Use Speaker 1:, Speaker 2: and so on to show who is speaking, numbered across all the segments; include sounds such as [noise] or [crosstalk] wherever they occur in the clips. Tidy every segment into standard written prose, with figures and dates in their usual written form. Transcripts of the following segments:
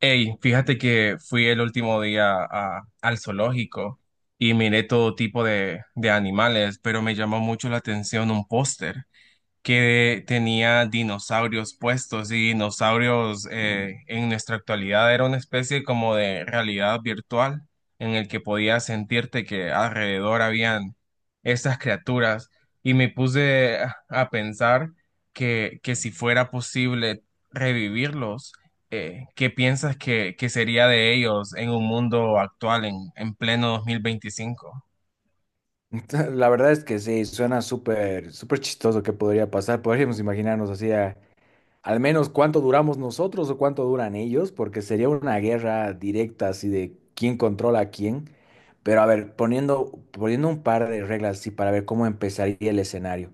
Speaker 1: Hey, fíjate que fui el último día al zoológico y miré todo tipo de animales, pero me llamó mucho la atención un póster que tenía dinosaurios puestos y dinosaurios en nuestra actualidad era una especie como de realidad virtual en el que podías sentirte que alrededor habían estas criaturas y me puse a pensar que si fuera posible revivirlos, ¿qué piensas que sería de ellos en un mundo actual en pleno 2025?
Speaker 2: [laughs] La verdad es que sí, suena súper, súper chistoso que podría pasar. Podríamos imaginarnos así, al menos cuánto duramos nosotros o cuánto duran ellos, porque sería una guerra directa así de quién controla a quién. Pero a ver, poniendo un par de reglas así para ver cómo empezaría el escenario.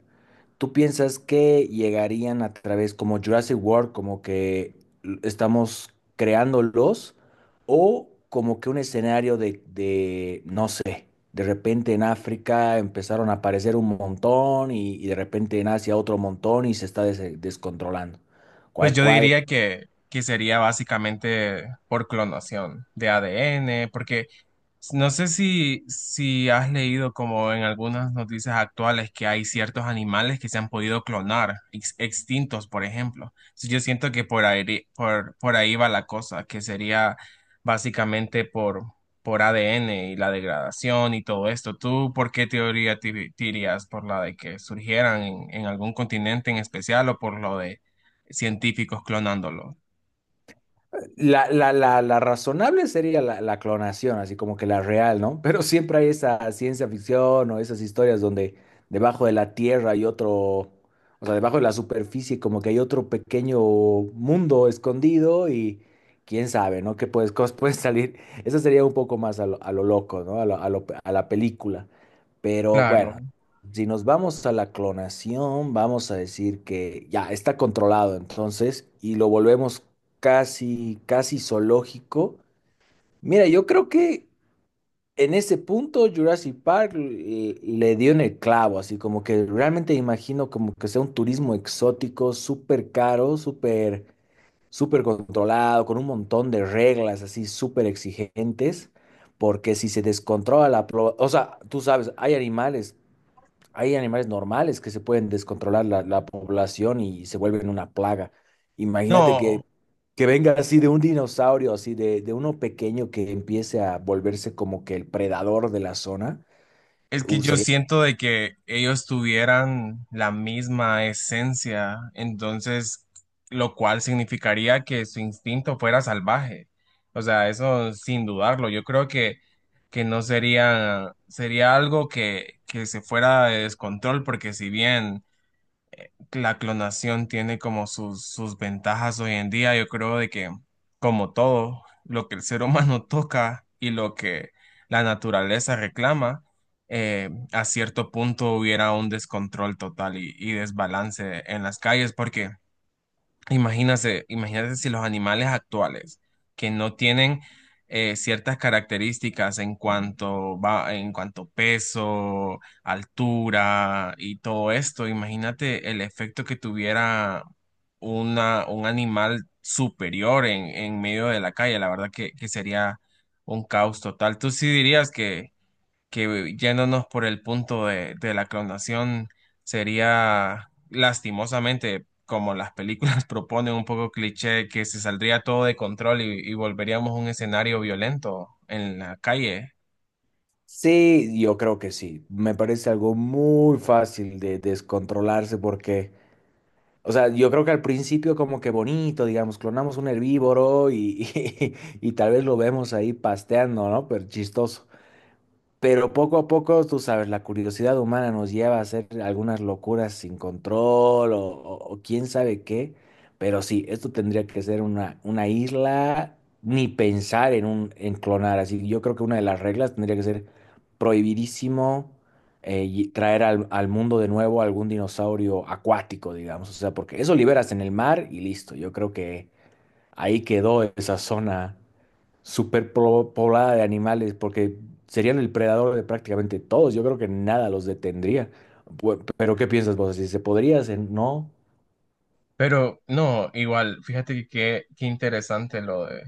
Speaker 2: ¿Tú piensas que llegarían a través como Jurassic World, como que estamos creándolos, o como que un escenario de no sé, de repente en África empezaron a aparecer un montón y de repente en Asia otro montón y se está descontrolando?
Speaker 1: Pues
Speaker 2: ¿Cuál,
Speaker 1: yo
Speaker 2: cuál
Speaker 1: diría que sería básicamente por clonación de ADN, porque no sé si has leído como en algunas noticias actuales que hay ciertos animales que se han podido clonar, extintos, por ejemplo. Entonces, yo siento que por ahí, por ahí va la cosa, que sería básicamente por ADN y la degradación y todo esto. ¿Tú por qué teoría te irías? ¿Por la de que surgieran en algún continente en especial o por lo de científicos clonándolo?
Speaker 2: la razonable sería la clonación, así como que la real, ¿no? Pero siempre hay esa ciencia ficción o esas historias donde debajo de la tierra hay otro, o sea, debajo de la superficie como que hay otro pequeño mundo escondido y quién sabe, ¿no? ¿Qué puedes, cosas pueden salir? Eso sería un poco más a lo loco, ¿no? A la película. Pero
Speaker 1: Claro.
Speaker 2: bueno, si nos vamos a la clonación, vamos a decir que ya está controlado entonces y lo volvemos casi, casi zoológico. Mira, yo creo que en ese punto Jurassic Park le dio en el clavo, así como que realmente imagino como que sea un turismo exótico, súper caro, súper, súper controlado, con un montón de reglas así súper exigentes, porque si se descontrola O sea, tú sabes, hay animales normales que se pueden descontrolar la población y se vuelven una plaga. Imagínate
Speaker 1: No,
Speaker 2: que venga así de un dinosaurio, así de uno pequeño que empiece a volverse como que el predador de la zona.
Speaker 1: es que
Speaker 2: Uh,
Speaker 1: yo
Speaker 2: sería-
Speaker 1: siento de que ellos tuvieran la misma esencia, entonces, lo cual significaría que su instinto fuera salvaje. O sea, eso sin dudarlo. Yo creo que no sería, sería algo que se fuera de descontrol, porque si bien la clonación tiene como sus ventajas hoy en día. Yo creo de que, como todo, lo que el ser humano [laughs] toca y lo que la naturaleza reclama, a cierto punto hubiera un descontrol total y desbalance en las calles, porque imagínate, imagínate si los animales actuales que no tienen ciertas características en cuanto va, en cuanto peso, altura y todo esto, imagínate el efecto que tuviera un animal superior en medio de la calle. La verdad que sería un caos total. ¿Tú sí dirías que yéndonos por el punto de la clonación sería lastimosamente como las películas [laughs] proponen un poco cliché que se saldría todo de control y volveríamos a un escenario violento en la calle?
Speaker 2: Sí, yo creo que sí. Me parece algo muy fácil de descontrolarse porque, o sea, yo creo que al principio como que bonito, digamos, clonamos un herbívoro y, [laughs] y, tal vez lo vemos ahí pasteando, ¿no? Pero chistoso. Pero poco a poco, tú sabes, la curiosidad humana nos lleva a hacer algunas locuras sin control o quién sabe qué. Pero sí, esto tendría que ser una isla, ni pensar en un, en clonar. Así yo creo que una de las reglas tendría que ser prohibidísimo y traer al mundo de nuevo algún dinosaurio acuático, digamos. O sea, porque eso liberas en el mar y listo. Yo creo que ahí quedó esa zona poblada de animales, porque serían el predador de prácticamente todos. Yo creo que nada los detendría. Pero ¿qué piensas vos? Si se podría hacer, no.
Speaker 1: Pero no, igual, fíjate que qué interesante lo de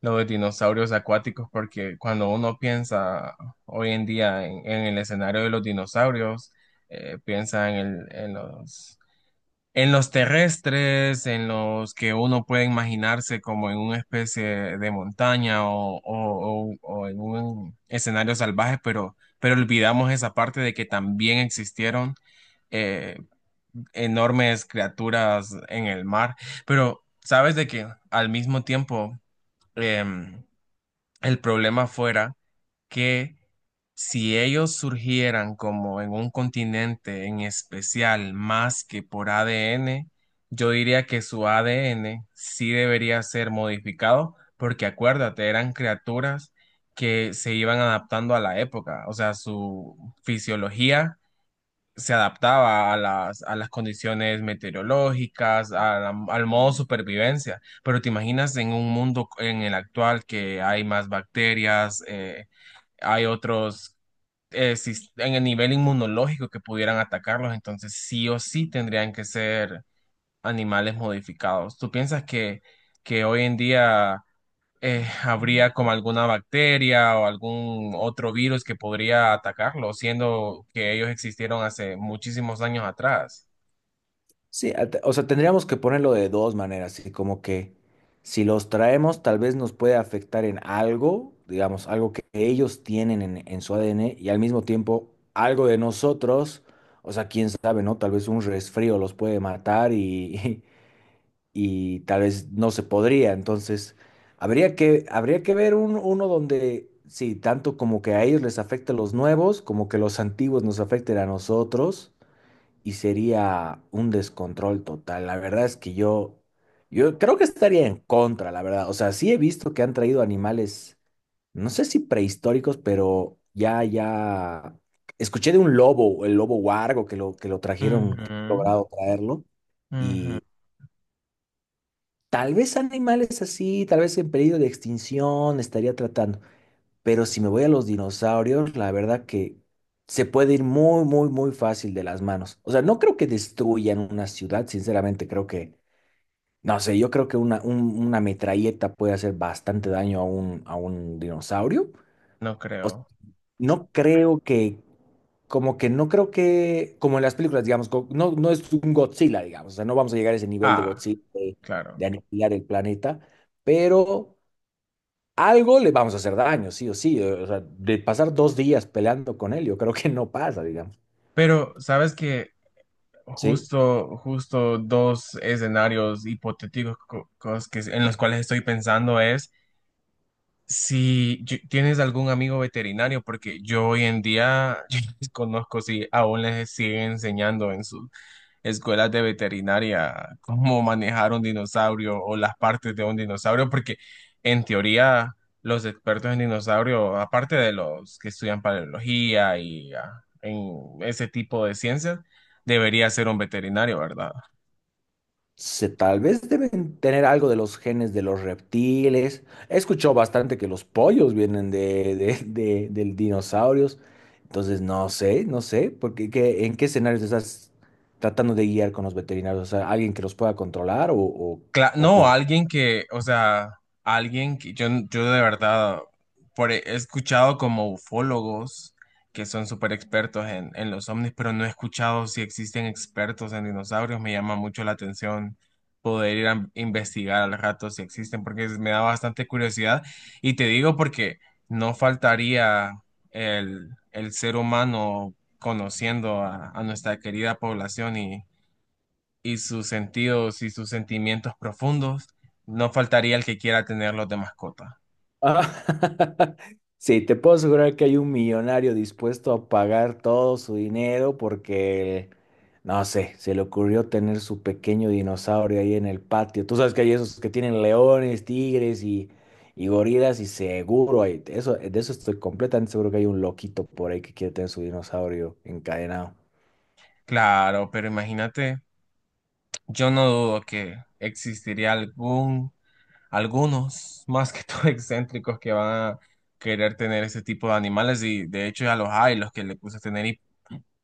Speaker 1: dinosaurios acuáticos porque cuando uno piensa hoy en día en el escenario de los dinosaurios, piensa en los terrestres, en los que uno puede imaginarse como en una especie de montaña o en un escenario salvaje, pero olvidamos esa parte de que también existieron eh, enormes criaturas en el mar. Pero sabes de que al mismo tiempo em, el problema fuera que si ellos surgieran como en un continente en especial más que por ADN, yo diría que su ADN sí debería ser modificado, porque acuérdate, eran criaturas que se iban adaptando a la época, o sea, su fisiología se adaptaba a a las condiciones meteorológicas, al modo supervivencia. Pero te imaginas en un mundo en el actual que hay más bacterias, hay otros en el nivel inmunológico que pudieran atacarlos, entonces sí o sí tendrían que ser animales modificados. ¿Tú piensas que hoy en día habría como alguna bacteria o algún otro virus que podría atacarlo, siendo que ellos existieron hace muchísimos años atrás?
Speaker 2: Sí, o sea, tendríamos que ponerlo de dos maneras, así como que si los traemos, tal vez nos puede afectar en algo, digamos, algo que ellos tienen en su ADN y al mismo tiempo algo de nosotros. O sea, quién sabe, ¿no? Tal vez un resfrío los puede matar y, [laughs] y tal vez no se podría. Entonces, habría que ver uno donde, sí, tanto como que a ellos les afecte los nuevos, como que los antiguos nos afecten a nosotros, y sería un descontrol total. La verdad es que yo creo que estaría en contra, la verdad. O sea, sí he visto que han traído animales, no sé si prehistóricos, pero ya, ya. Escuché de un lobo, el lobo huargo, que lo trajeron, que han
Speaker 1: Ujú,
Speaker 2: logrado traerlo.
Speaker 1: ujú.
Speaker 2: Tal vez animales así, tal vez en peligro de extinción estaría tratando. Pero si me voy a los dinosaurios, la verdad que se puede ir muy, muy, muy fácil de las manos. O sea, no creo que destruyan una ciudad, sinceramente, creo que, no sé, yo creo que una metralleta puede hacer bastante daño a a un dinosaurio.
Speaker 1: No creo.
Speaker 2: No creo que, como que No creo que, como en las películas, digamos, no es un Godzilla, digamos, o sea, no vamos a llegar a ese nivel de
Speaker 1: Ah,
Speaker 2: Godzilla
Speaker 1: claro.
Speaker 2: de aniquilar el planeta, pero algo le vamos a hacer daño, sí o sí. O sea, de pasar dos días peleando con él, yo creo que no pasa, digamos,
Speaker 1: Pero, ¿sabes que
Speaker 2: ¿sí?
Speaker 1: Justo dos escenarios hipotéticos que, en los cuales estoy pensando es si tienes algún amigo veterinario, porque yo hoy en día [laughs] yo desconozco si aún les siguen enseñando en sus escuelas de veterinaria, cómo manejar un dinosaurio o las partes de un dinosaurio, porque en teoría los expertos en dinosaurio, aparte de los que estudian paleología y ah, en ese tipo de ciencias, debería ser un veterinario, ¿verdad?
Speaker 2: Se, tal vez deben tener algo de los genes de los reptiles. He escuchado bastante que los pollos vienen de dinosaurios. Entonces, no sé, porque ¿qué- en qué escenarios estás tratando de guiar con los veterinarios? O sea, alguien que los pueda controlar o
Speaker 1: No,
Speaker 2: cuidar.
Speaker 1: alguien que, o sea, alguien que yo de verdad por, e, he escuchado como ufólogos que son súper expertos en los ovnis, pero no he escuchado si existen expertos en dinosaurios. Me llama mucho la atención poder ir a investigar al rato si existen, porque me da bastante curiosidad. Y te digo porque no faltaría el ser humano conociendo a nuestra querida población y sus sentidos y sus sentimientos profundos, no faltaría el que quiera tenerlos de mascota.
Speaker 2: Ah, [laughs] Sí, te puedo asegurar que hay un millonario dispuesto a pagar todo su dinero porque, no sé, se le ocurrió tener su pequeño dinosaurio ahí en el patio. Tú sabes que hay esos que tienen leones, tigres y gorilas y seguro hay, eso, de eso estoy completamente seguro que hay un loquito por ahí que quiere tener su dinosaurio encadenado.
Speaker 1: Claro, pero imagínate, yo no dudo que existiría algún algunos más que todo [laughs] excéntricos que van a querer tener ese tipo de animales y de hecho ya los hay, los que le puse a tener hip-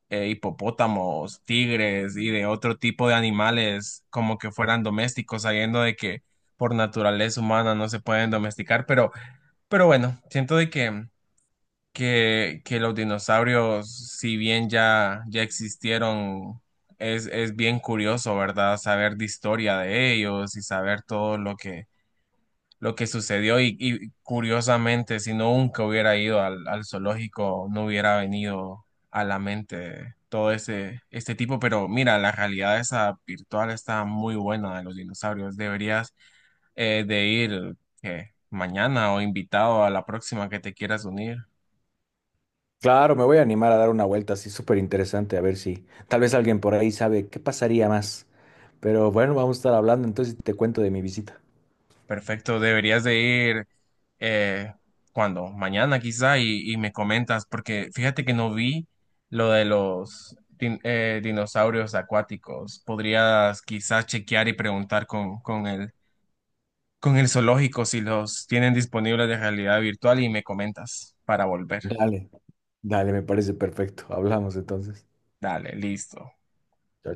Speaker 1: eh, hipopótamos, tigres y de otro tipo de animales como que fueran domésticos, sabiendo de que por naturaleza humana no se pueden domesticar, pero bueno, siento de que, que los dinosaurios, si bien ya, ya existieron, es bien curioso, ¿verdad? Saber de historia de ellos y saber todo lo que sucedió y curiosamente, si no nunca hubiera ido al zoológico, no hubiera venido a la mente todo ese, este tipo, pero mira, la realidad esa virtual está muy buena de los dinosaurios. Deberías de ir ¿qué? ¿Mañana o invitado a la próxima que te quieras unir?
Speaker 2: Claro, me voy a animar a dar una vuelta así súper interesante, a ver si tal vez alguien por ahí sabe qué pasaría más. Pero bueno, vamos a estar hablando, entonces te cuento de mi visita.
Speaker 1: Perfecto, deberías de ir eh, cuando mañana quizá y me comentas, porque fíjate que no vi lo de los dinosaurios acuáticos. Podrías quizás chequear y preguntar con el zoológico si los tienen disponibles de realidad virtual y me comentas para volver.
Speaker 2: Dale, dale, me parece perfecto. Hablamos entonces.
Speaker 1: Dale, listo.
Speaker 2: Chao,